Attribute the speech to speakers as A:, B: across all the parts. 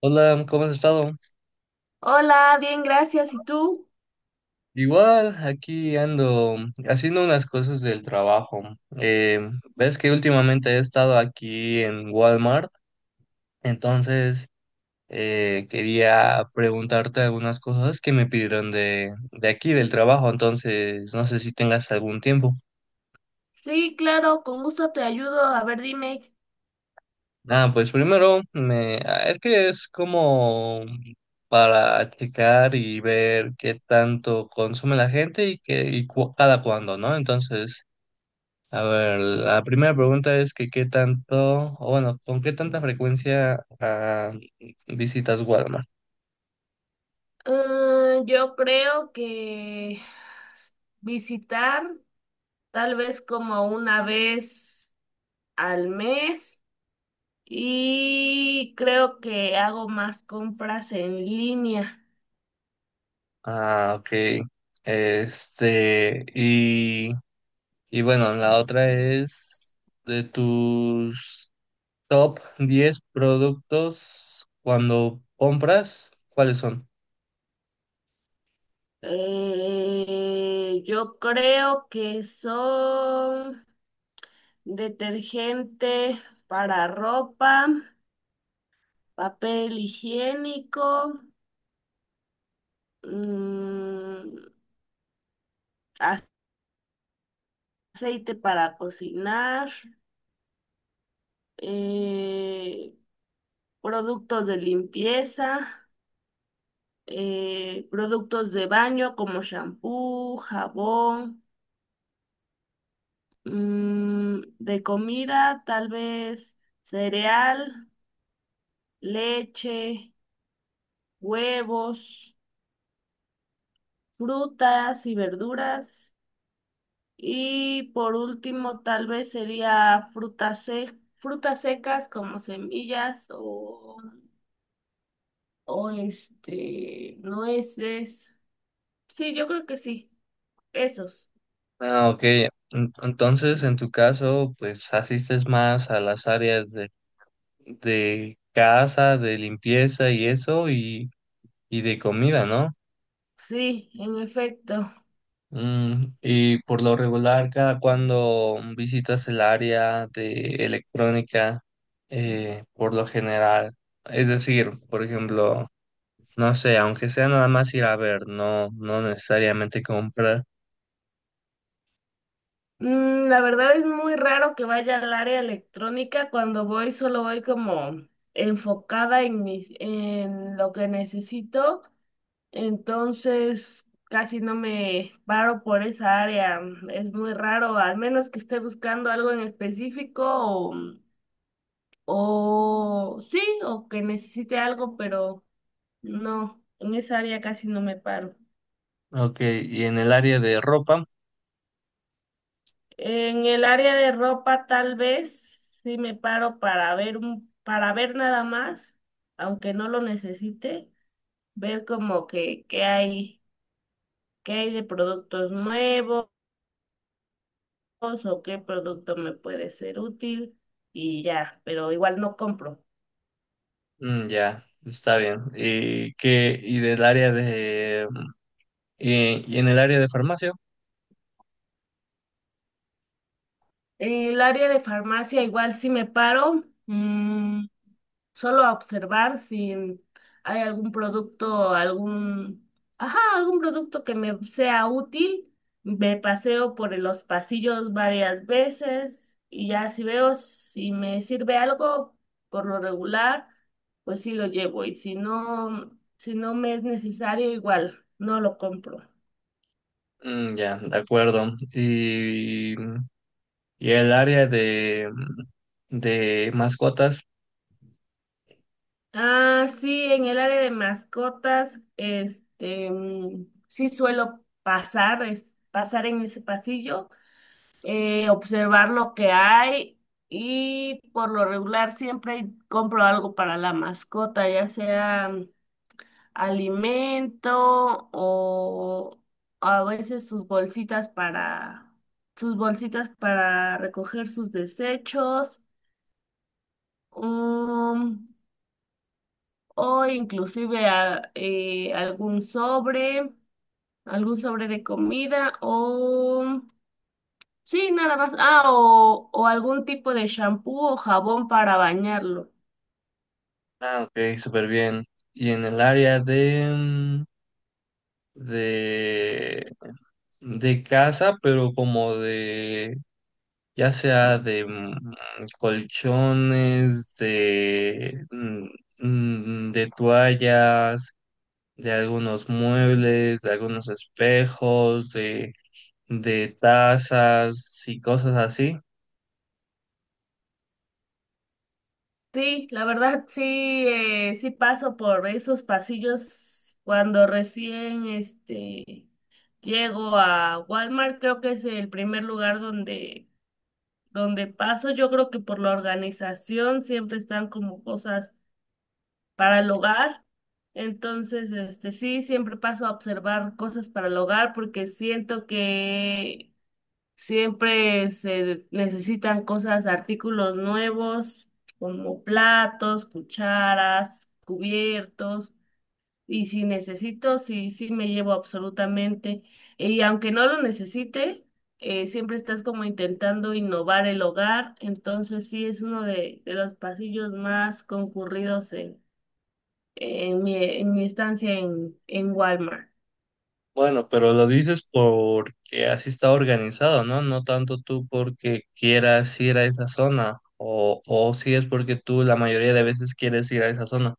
A: Hola, ¿cómo has estado?
B: Hola, bien, gracias. ¿Y tú?
A: Igual, aquí ando haciendo unas cosas del trabajo. Eh, Ves que últimamente he estado aquí en Walmart, entonces quería preguntarte algunas cosas que me pidieron de aquí, del trabajo. Entonces no sé si tengas algún tiempo.
B: Sí, claro, con gusto te ayudo. A ver, dime.
A: Ah, pues primero, es que es como para checar y ver qué tanto consume la gente, y cada cuándo, ¿no? Entonces, a ver, la primera pregunta es que qué tanto, o bueno, ¿con qué tanta frecuencia visitas Walmart?
B: Yo creo que visitar tal vez como una vez al mes y creo que hago más compras en línea.
A: Ah, ok. Y, y bueno, la otra es de tus top 10 productos cuando compras, ¿cuáles son?
B: Yo creo que son detergente para ropa, papel higiénico. mm, aceite para cocinar, eh, productos de limpieza, productos de baño como shampoo, jabón, de comida, tal vez cereal, leche, huevos, frutas y verduras. Y por último, tal vez sería frutas secas como semillas o nueces. Sí, yo creo que sí. Esos.
A: Ah, ok. Entonces, en tu caso, pues asistes más a las áreas de casa, de limpieza y eso, y de comida, ¿no?
B: Sí, en efecto.
A: Mm, y por lo regular, ¿cada cuando visitas el área de electrónica, por lo general? Es decir, por ejemplo, no sé, aunque sea nada más ir a ver, no, no necesariamente comprar.
B: La verdad es muy raro que vaya al área electrónica. Cuando voy, solo voy como enfocada en en lo que necesito. Entonces, casi no me paro por esa área. Es muy raro, al menos que esté buscando algo en específico o sí, o que necesite algo, pero. No, en esa área casi no me paro.
A: Ok. ¿Y en el área de ropa?
B: En el área de ropa tal vez sí me paro para para ver nada más, aunque no lo necesite, ver como que qué hay de productos nuevos o qué producto me puede ser útil y ya, pero igual no compro.
A: Mm, ya, está bien. ¿Y qué? ¿Y del área de y en el área de farmacia?
B: En el área de farmacia igual sí me paro. Solo a observar si hay algún producto, ajá, algún producto que me sea útil. Me paseo por los pasillos varias veces y ya si veo si me sirve algo por lo regular, pues sí lo llevo y si no, me es necesario, igual no lo compro.
A: Mm, ya, de acuerdo. ¿Y Y el área de de mascotas?
B: Ah, sí, en el área de mascotas, sí suelo pasar en ese pasillo, observar lo que hay y por lo regular siempre compro algo para la mascota, ya sea alimento o a veces sus bolsitas para recoger sus desechos, um, o inclusive algún sobre de comida o sí, nada más. Ah, o algún tipo de shampoo o jabón para bañarlo.
A: Ah, ok, súper bien. ¿Y en el área de de, de casa, pero como de, ya sea de colchones, de de toallas, de algunos muebles, de algunos espejos, de tazas y cosas así?
B: Sí, la verdad sí, sí paso por esos pasillos cuando recién llego a Walmart, creo que es el primer lugar donde paso. Yo creo que por la organización siempre están como cosas para el hogar. Entonces, sí, siempre paso a observar cosas para el hogar porque siento que siempre se necesitan cosas, artículos nuevos, como platos, cucharas, cubiertos. Y si necesito, sí, sí me llevo absolutamente. Y aunque no lo necesite, siempre estás como intentando innovar el hogar. Entonces sí es uno de los pasillos más concurridos en, en mi estancia en Walmart.
A: Bueno, pero lo dices porque así está organizado, ¿no? No tanto tú porque quieras ir a esa zona, o si es porque tú la mayoría de veces quieres ir a esa zona.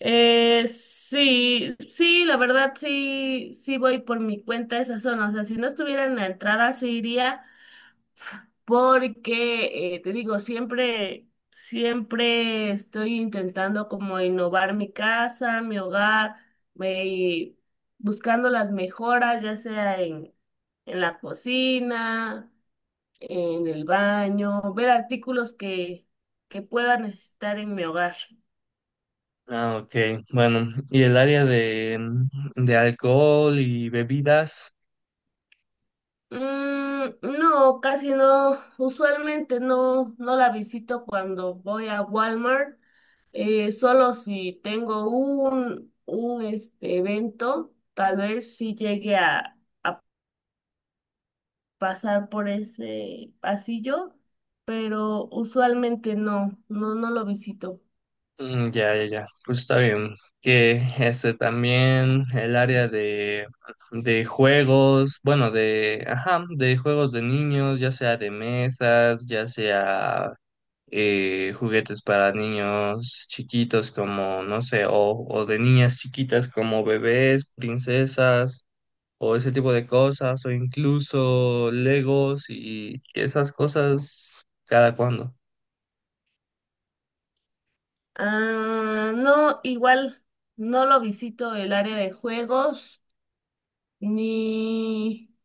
B: Sí, sí, la verdad sí, sí voy por mi cuenta a esa zona. O sea, si no estuviera en la entrada, sí iría porque, te digo, siempre estoy intentando como innovar mi casa, mi hogar, y buscando las mejoras, ya sea en la cocina, en el baño, ver artículos que pueda necesitar en mi hogar.
A: Ah, ok. Bueno, ¿y el área de de alcohol y bebidas?
B: Mm, no, casi no. Usualmente no la visito cuando voy a Walmart. Solo si tengo un, un evento, tal vez sí llegue a pasar por ese pasillo, pero usualmente no, no, no lo visito.
A: Mm, ya, ya, ya, pues está bien. Que este también el área de juegos, bueno, de, ajá, de juegos de niños, ya sea de mesas, ya sea juguetes para niños chiquitos como, no sé, o de niñas chiquitas como bebés, princesas, o ese tipo de cosas, o incluso Legos y esas cosas cada cuando.
B: Ah, no, igual no lo visito el área de juegos, ni.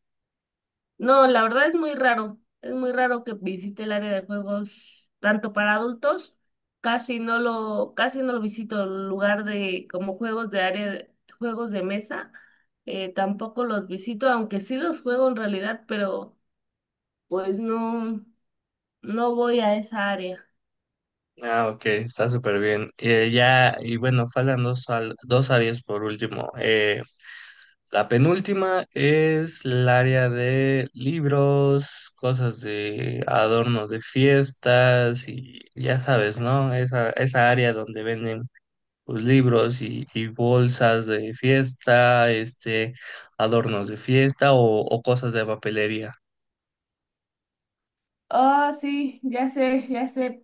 B: No, la verdad es muy raro. Es muy raro que visite el área de juegos tanto para adultos. Casi no lo visito. El lugar de como juegos de área, juegos de mesa, tampoco los visito, aunque sí los juego en realidad, pero pues no, no voy a esa área.
A: Ah, ok, está súper bien. Ya, y bueno, faltan dos, dos áreas por último. La penúltima es el área de libros, cosas de adorno de fiestas y ya sabes, ¿no? Esa área donde venden pues libros y bolsas de fiesta, este, adornos de fiesta, o cosas de papelería.
B: Oh, sí, ya sé, ya sé.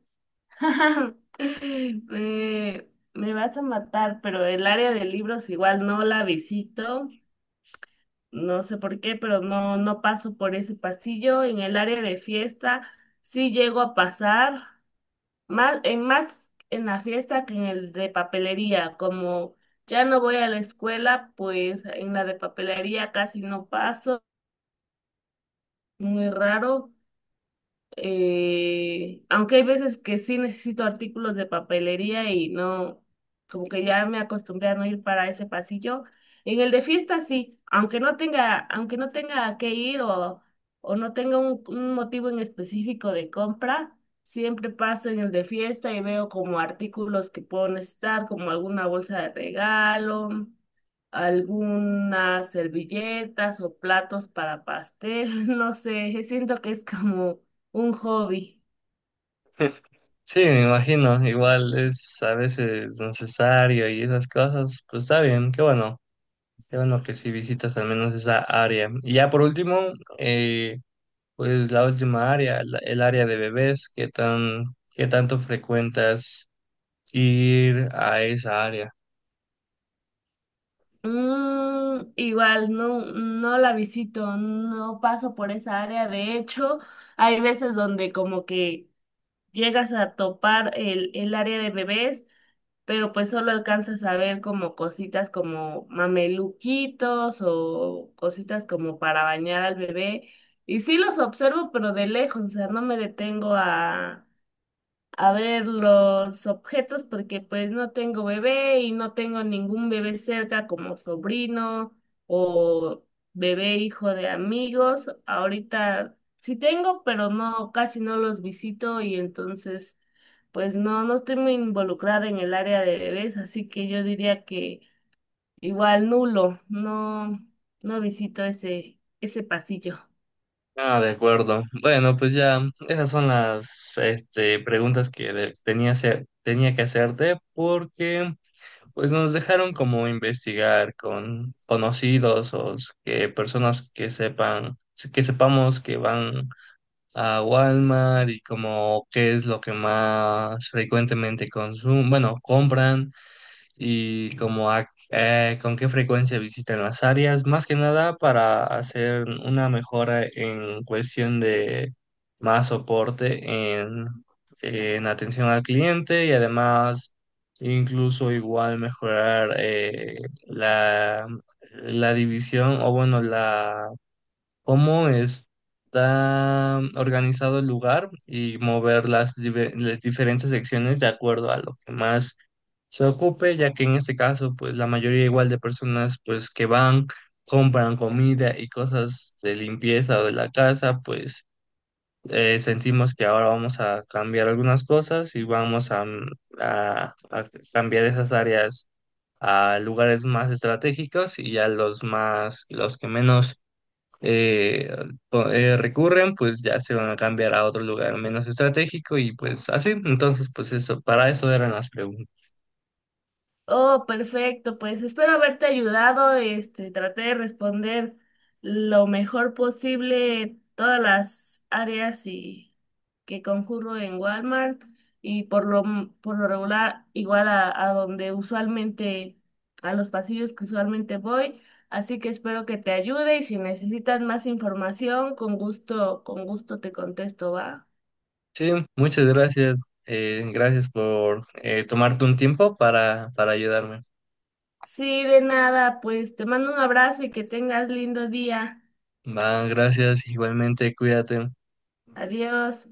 B: Me vas a matar, pero el área de libros igual no la visito. No sé por qué, pero no, no paso por ese pasillo. En el área de fiesta sí llego a pasar más en la fiesta que en el de papelería. Como ya no voy a la escuela, pues en la de papelería casi no paso, muy raro. Aunque hay veces que sí necesito artículos de papelería y no, como que ya me acostumbré a no ir para ese pasillo. En el de fiesta sí, aunque no tenga que ir o no tenga un motivo en específico de compra, siempre paso en el de fiesta y veo como artículos que puedo necesitar, como alguna bolsa de regalo, algunas servilletas o platos para pastel, no sé, siento que es como un hobby.
A: Sí, me imagino, igual es a veces necesario y esas cosas, pues está bien. Qué bueno, qué bueno que sí visitas al menos esa área. Y ya por último, eh, pues la última área, el área de bebés, ¿qué tan, qué tanto frecuentas ir a esa área?
B: Igual, no, no la visito, no paso por esa área. De hecho, hay veces donde como que llegas a topar el área de bebés, pero pues solo alcanzas a ver como cositas como mameluquitos o cositas como para bañar al bebé. Y sí los observo, pero de lejos, o sea, no me detengo a ver, los objetos, porque pues no tengo bebé y no tengo ningún bebé cerca como sobrino o bebé hijo de amigos. Ahorita sí tengo, pero no, casi no los visito y entonces pues no, no estoy muy involucrada en el área de bebés, así que yo diría que igual nulo, no, no visito ese pasillo.
A: Ah, de acuerdo. Bueno, pues ya esas son las este, preguntas tenía, tenía que hacerte, porque pues nos dejaron como investigar con conocidos que personas que sepan, que sepamos, que van a Walmart, y como qué es lo que más frecuentemente consumen, bueno, compran, y como con qué frecuencia visitan las áreas, más que nada para hacer una mejora en cuestión de más soporte en atención al cliente, y además incluso igual mejorar la, la división, o bueno, la cómo está organizado el lugar, y mover las, las diferentes secciones de acuerdo a lo que más se ocupe, ya que en este caso, pues la mayoría igual de personas, pues que van, compran comida y cosas de limpieza o de la casa. Pues sentimos que ahora vamos a cambiar algunas cosas, y vamos a, a cambiar esas áreas a lugares más estratégicos, y ya los más, los que menos eh, recurren, pues ya se van a cambiar a otro lugar menos estratégico y pues así. Entonces, pues eso, para eso eran las preguntas.
B: Oh, perfecto, pues espero haberte ayudado. Traté de responder lo mejor posible todas las áreas y que concurro en Walmart y por lo regular igual a donde usualmente a los pasillos que usualmente voy. Así que espero que te ayude y si necesitas más información, con gusto te contesto, ¿va?
A: Sí, muchas gracias. Gracias por tomarte un tiempo para ayudarme.
B: Sí, de nada, pues te mando un abrazo y que tengas lindo día.
A: Va, gracias. Igualmente, cuídate.
B: Adiós.